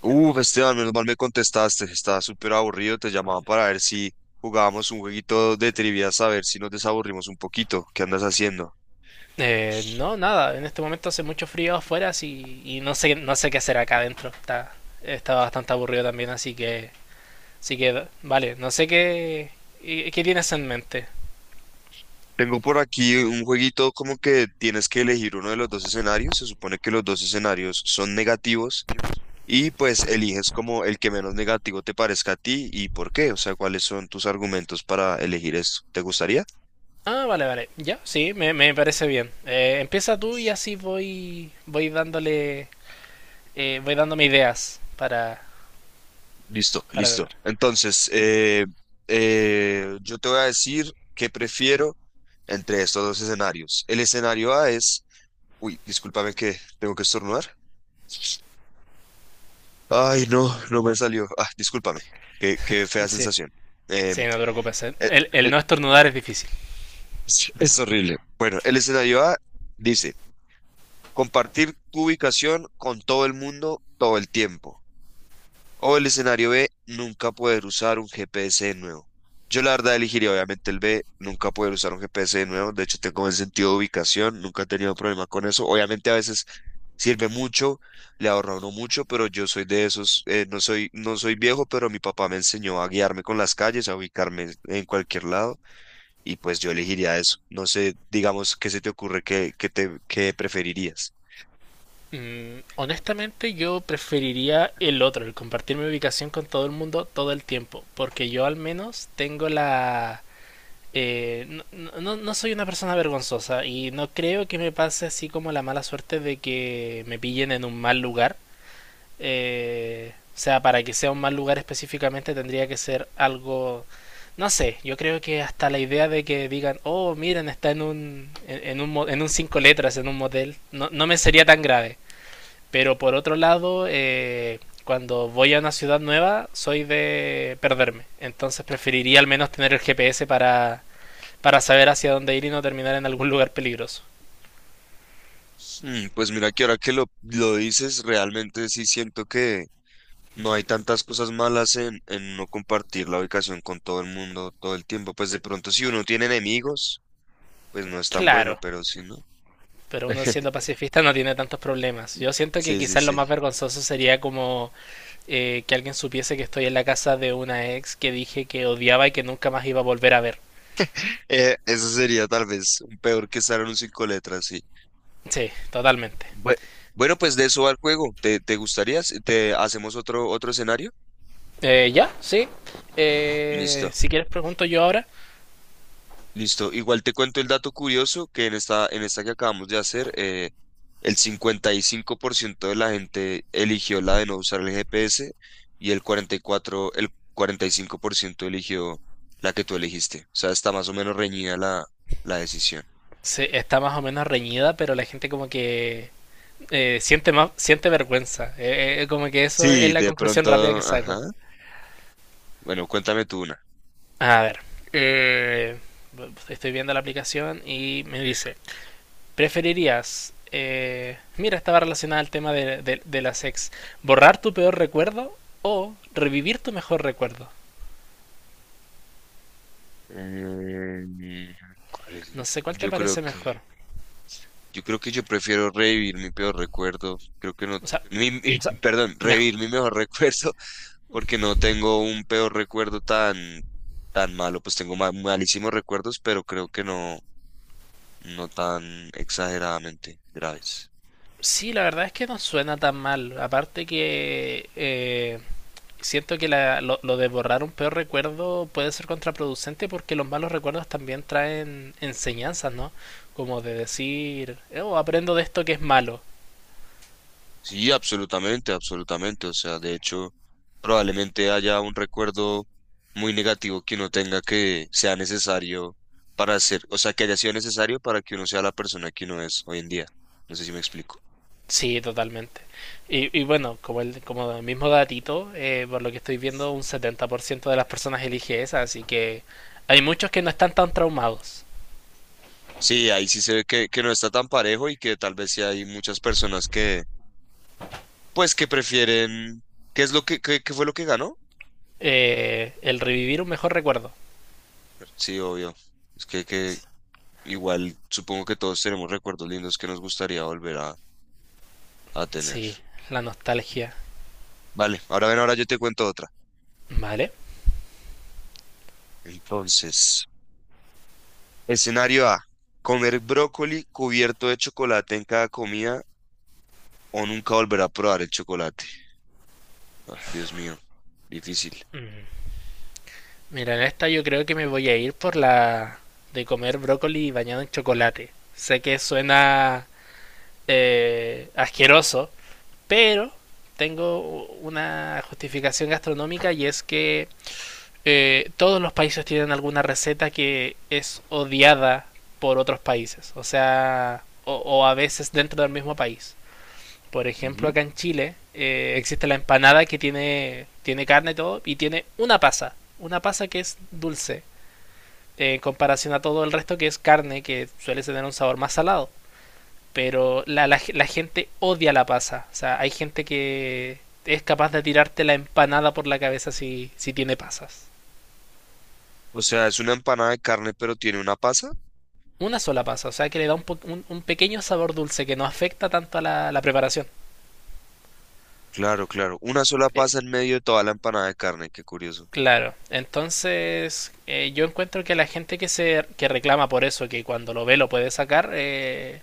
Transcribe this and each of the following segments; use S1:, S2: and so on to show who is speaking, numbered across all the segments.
S1: Uf, Esteban, menos mal me contestaste. Estaba súper aburrido. Te llamaba para ver si jugábamos un jueguito de trivia, a ver si nos desaburrimos un poquito. ¿Qué andas haciendo?
S2: No, nada, en este momento hace mucho frío afuera así, y no sé, no sé qué hacer acá adentro. Está bastante aburrido también, así que, vale, no sé qué, qué tienes en mente.
S1: Tengo por aquí un jueguito como que tienes que elegir uno de los dos escenarios. Se supone que los dos escenarios son negativos y pues eliges como el que menos negativo te parezca a ti y por qué. O sea, cuáles son tus argumentos para elegir esto. ¿Te gustaría?
S2: Ah, vale, vale, ya, sí, me parece bien. Empieza tú y así voy, voy dándole, voy dándome ideas
S1: Listo,
S2: para
S1: listo.
S2: tratar.
S1: Entonces, yo te voy a decir qué prefiero entre estos dos escenarios. El escenario A es, uy, discúlpame que tengo que estornudar. Ay, no, no me salió. Ah, discúlpame. Qué fea
S2: Sí,
S1: sensación.
S2: sí,
S1: Em,
S2: no te preocupes.
S1: eh,
S2: El
S1: eh,
S2: no estornudar es difícil.
S1: es horrible. Bueno, el escenario A dice, compartir tu ubicación con todo el mundo todo el tiempo. O el escenario B, nunca poder usar un GPS de nuevo. Yo la verdad elegiría obviamente el B, nunca poder usar un GPS de nuevo. De hecho, tengo buen sentido de ubicación, nunca he tenido problema con eso. Obviamente a veces sirve mucho, le ahorra a uno mucho, pero yo soy de esos, no soy, no soy viejo, pero mi papá me enseñó a guiarme con las calles, a ubicarme en cualquier lado, y pues yo elegiría eso. No sé, digamos, ¿qué se te ocurre que te que preferirías?
S2: Honestamente yo preferiría el otro, el compartir mi ubicación con todo el mundo todo el tiempo, porque yo al menos tengo la... no, no soy una persona vergonzosa y no creo que me pase así como la mala suerte de que me pillen en un mal lugar. O sea, para que sea un mal lugar específicamente tendría que ser algo... No sé, yo creo que hasta la idea de que digan, oh, miren, está en un, en, en un cinco letras, en un motel, no, no me sería tan grave. Pero por otro lado, cuando voy a una ciudad nueva, soy de perderme. Entonces preferiría al menos tener el GPS para saber hacia dónde ir y no terminar en algún lugar peligroso.
S1: Mm, pues mira que ahora que lo dices, realmente sí siento que no hay tantas cosas malas en no compartir la ubicación con todo el mundo todo el tiempo. Pues de pronto si uno tiene enemigos, pues no es tan bueno,
S2: Claro,
S1: pero si no.
S2: pero uno siendo pacifista no tiene tantos problemas. Yo siento que
S1: Sí, sí,
S2: quizás lo
S1: sí.
S2: más vergonzoso sería como que alguien supiese que estoy en la casa de una ex que dije que odiaba y que nunca más iba a volver a ver.
S1: Eso sería tal vez un peor que estar en un cinco letras, sí.
S2: Sí, totalmente.
S1: Bue- Bueno, pues de eso va el juego. ¿Te, te gustaría? Si ¿te hacemos otro, otro escenario?
S2: Ya, sí.
S1: Listo.
S2: Si quieres pregunto yo ahora.
S1: Listo. Igual te cuento el dato curioso que en esta que acabamos de hacer, el 55% de la gente eligió la de no usar el GPS y el 44 el 45% eligió la que tú elegiste. O sea, está más o menos reñida la, la decisión.
S2: Sí, está más o menos reñida, pero la gente como que siente más, siente vergüenza. Como que eso es
S1: Sí,
S2: la
S1: de
S2: conclusión
S1: pronto,
S2: rápida que
S1: ajá.
S2: saco.
S1: Bueno, cuéntame tú una.
S2: A ver, eh, estoy viendo la aplicación y me dice, ¿preferirías... mira, estaba relacionada al tema de, de las ex. ¿Borrar tu peor recuerdo o revivir tu mejor recuerdo?
S1: Eh, ¿Cuál es?
S2: No sé cuál te
S1: Yo creo
S2: parece
S1: que,
S2: mejor.
S1: yo creo que yo prefiero revivir mi peor recuerdo. Creo que no,
S2: O sea, o sea,
S1: perdón,
S2: mejor.
S1: revivir mi mejor recuerdo porque no tengo un peor recuerdo tan, tan malo, pues tengo malísimos recuerdos, pero creo que no, no tan exageradamente graves.
S2: Sí, la verdad es que no suena tan mal. Aparte que siento que lo de borrar un peor recuerdo puede ser contraproducente porque los malos recuerdos también traen enseñanzas, ¿no? Como de decir, oh, aprendo de esto que es malo.
S1: Sí, absolutamente, absolutamente. O sea, de hecho, probablemente haya un recuerdo muy negativo que uno tenga que sea necesario para ser, o sea, que haya sido necesario para que uno sea la persona que uno es hoy en día. No sé si me explico.
S2: Sí, totalmente. Y bueno, como el mismo datito, por lo que estoy viendo, un 70% de las personas elige esa, así que hay muchos que no están tan traumados.
S1: Sí, ahí sí se ve que no está tan parejo y que tal vez sí hay muchas personas que pues que prefieren. ¿Qué es lo que, qué, qué fue lo que ganó?
S2: El revivir un mejor recuerdo.
S1: Sí, obvio. Es que igual supongo que todos tenemos recuerdos lindos que nos gustaría volver a
S2: Sí,
S1: tener.
S2: la nostalgia.
S1: Vale, ahora ven, ahora yo te cuento otra.
S2: Vale.
S1: Entonces, escenario A, comer brócoli cubierto de chocolate en cada comida o nunca volver a probar el chocolate. Ah, Dios mío, difícil.
S2: Mira, en esta yo creo que me voy a ir por la de comer brócoli bañado en chocolate. Sé que suena asqueroso, pero tengo una justificación gastronómica y es que todos los países tienen alguna receta que es odiada por otros países, o sea, o a veces dentro del mismo país. Por ejemplo,
S1: Ujú.
S2: acá en Chile existe la empanada que tiene, tiene carne y todo, y tiene una pasa que es dulce, en comparación a todo el resto que es carne, que suele tener un sabor más salado. Pero la gente odia la pasa, o sea, hay gente que es capaz de tirarte la empanada por la cabeza si, si tiene pasas.
S1: O sea, es una empanada de carne, pero tiene una pasa.
S2: Una sola pasa, o sea que le da un, po un pequeño sabor dulce que no afecta tanto a la preparación.
S1: Claro, claro, una sola
S2: Eh,
S1: pasa en medio de toda la empanada de carne, qué curioso.
S2: Claro, entonces yo encuentro que la gente que se que reclama por eso, que cuando lo ve lo puede sacar, eh,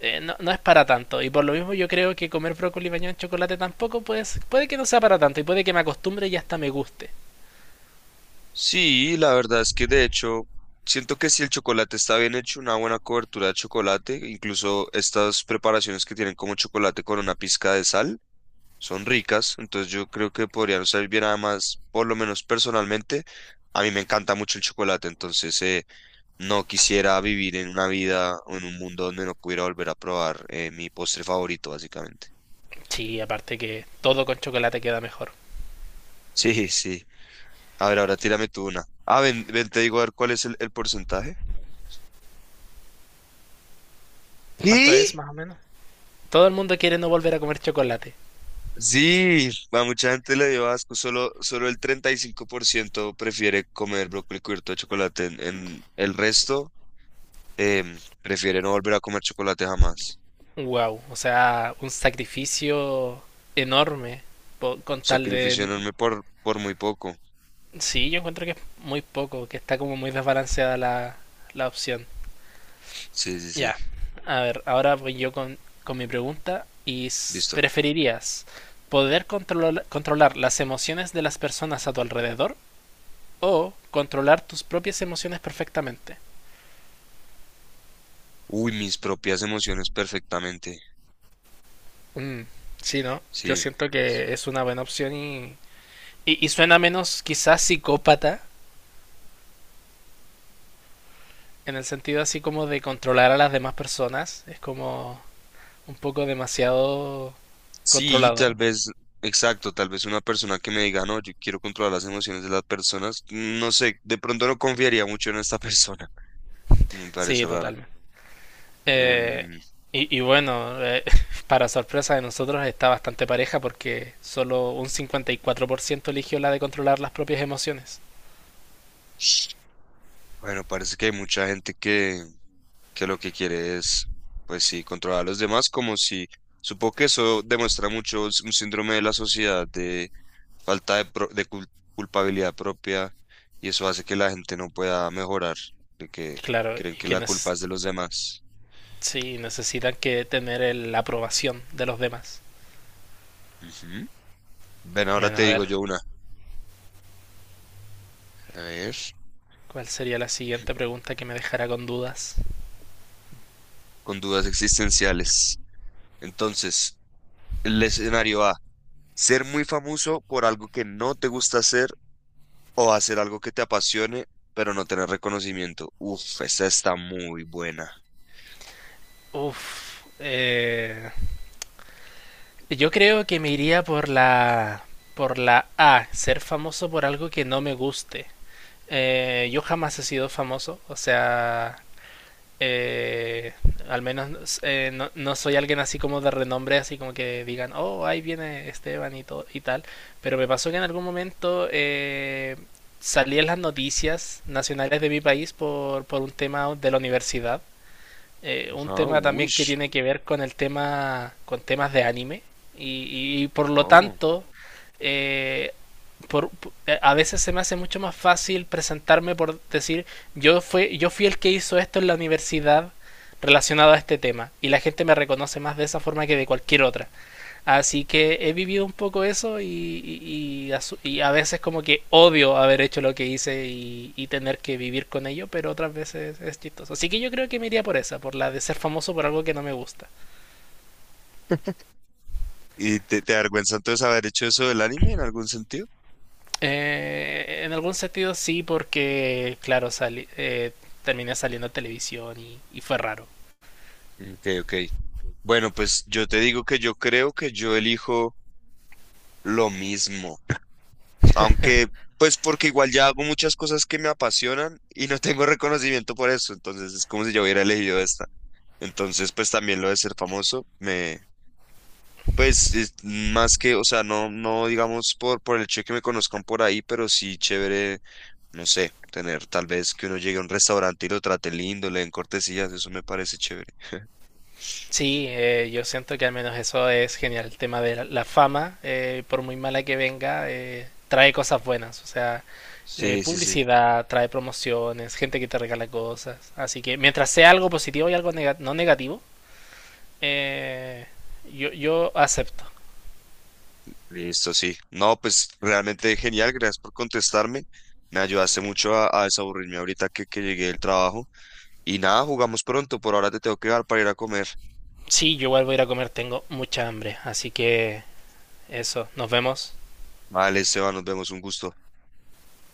S2: eh, no, no es para tanto. Y por lo mismo yo creo que comer brócoli bañado en chocolate tampoco pues puede que no sea para tanto y puede que me acostumbre y hasta me guste.
S1: Sí, la verdad es que de hecho siento que si el chocolate está bien hecho, una buena cobertura de chocolate, incluso estas preparaciones que tienen como chocolate con una pizca de sal, son ricas, entonces yo creo que podrían salir bien además, por lo menos personalmente, a mí me encanta mucho el chocolate, entonces no quisiera vivir en una vida o en un mundo donde no pudiera volver a probar mi postre favorito, básicamente.
S2: Sí, aparte que todo con chocolate queda mejor.
S1: Sí, sí. A ver, ahora tírame tú una. Ah, ven, ven, te digo a ver cuál es el porcentaje.
S2: ¿Cuánto
S1: ¿Qué?
S2: es más o menos? Todo el mundo quiere no volver a comer chocolate.
S1: Sí, a mucha gente le dio asco, solo, solo el 35% prefiere comer brócoli cubierto de chocolate, en el resto prefiere no volver a comer chocolate jamás.
S2: Wow, o sea, un sacrificio enorme con tal
S1: Sacrificio
S2: de.
S1: enorme por muy poco.
S2: Sí, yo encuentro que es muy poco, que está como muy desbalanceada la, la opción.
S1: Sí, sí, sí,
S2: Ya, a ver, ahora voy yo con mi pregunta. ¿Y
S1: listo.
S2: preferirías poder controlar, controlar las emociones de las personas a tu alrededor o controlar tus propias emociones perfectamente?
S1: Uy, mis propias emociones perfectamente.
S2: Mm, sí, ¿no? Yo
S1: Sí.
S2: siento que es una buena opción y suena menos quizás psicópata, en el sentido así como de controlar a las demás personas. Es como un poco demasiado
S1: Sí, tal
S2: controlador.
S1: vez, exacto, tal vez una persona que me diga, no, yo quiero controlar las emociones de las personas, no sé, de pronto no confiaría mucho en esta persona, me
S2: Sí,
S1: parece raro.
S2: totalmente. Eh,
S1: Em,
S2: y, y, bueno, para sorpresa de nosotros está bastante pareja porque solo un 54% eligió la de controlar las propias emociones.
S1: Bueno, parece que hay mucha gente que lo que quiere es, pues sí, controlar a los demás, como si, supongo que eso demuestra mucho un síndrome de la sociedad de falta de, culpabilidad propia y eso hace que la gente no pueda mejorar, de que
S2: Claro,
S1: creen
S2: y
S1: que la culpa
S2: quienes
S1: es de los demás.
S2: sí necesitan que tener el, la aprobación de los demás.
S1: Ujú. Ven, ahora
S2: Bueno,
S1: te
S2: a ver,
S1: digo yo una, a ver,
S2: ¿cuál sería la siguiente pregunta que me dejará con dudas?
S1: con dudas existenciales. Entonces, el escenario A, ser muy famoso por algo que no te gusta hacer. O hacer algo que te apasione, pero no tener reconocimiento. Uf, esa está muy buena.
S2: Uf, yo creo que me iría por la A, ser famoso por algo que no me guste. Yo jamás he sido famoso, o sea, eh, al menos no, no, soy alguien así como de renombre, así como que digan, oh, ahí viene Esteban y, todo, y tal. Pero me pasó que en algún momento salí en las noticias nacionales de mi país por un tema de la universidad un
S1: Ajá,
S2: tema también
S1: uy.
S2: que tiene que ver con el tema, con temas de anime. Y por lo
S1: Oh.
S2: tanto, eh, por, a veces se me hace mucho más fácil presentarme por decir, yo, yo fui el que hizo esto en la universidad relacionado a este tema. Y la gente me reconoce más de esa forma que de cualquier otra. Así que he vivido un poco eso y a veces como que odio haber hecho lo que hice y tener que vivir con ello, pero otras veces es chistoso. Así que yo creo que me iría por esa, por la de ser famoso por algo que no me gusta.
S1: ¿Y te avergüenza entonces haber hecho eso del anime en algún sentido?
S2: En algún sentido sí, porque claro, sali terminé saliendo a televisión y fue raro.
S1: Ok, ok. Bueno, pues yo te digo que yo creo que yo elijo lo mismo. Aunque, pues porque igual ya hago muchas cosas que me apasionan y no tengo reconocimiento por eso. Entonces es como si yo hubiera elegido esta. Entonces, pues también lo de ser famoso me, pues es más que, o sea, no, no digamos por el hecho de que me conozcan por ahí, pero sí chévere, no sé, tener tal vez que uno llegue a un restaurante y lo trate lindo, le den cortesías, eso me parece chévere.
S2: Sí, yo siento que al menos eso es genial. El tema de la fama, por muy mala que venga, trae cosas buenas. O sea,
S1: Sí, sí, sí.
S2: publicidad, trae promociones, gente que te regala cosas. Así que mientras sea algo positivo y algo no negativo, eh, yo, yo acepto.
S1: Listo, sí. No, pues realmente genial, gracias por contestarme. Me ayudaste mucho a desaburrirme ahorita que llegué del trabajo. Y nada, jugamos pronto. Por ahora te tengo que dar para ir a comer.
S2: Sí, yo igual voy a ir a comer, tengo mucha hambre. Así que eso, nos vemos.
S1: Vale, Esteban, nos vemos, un gusto.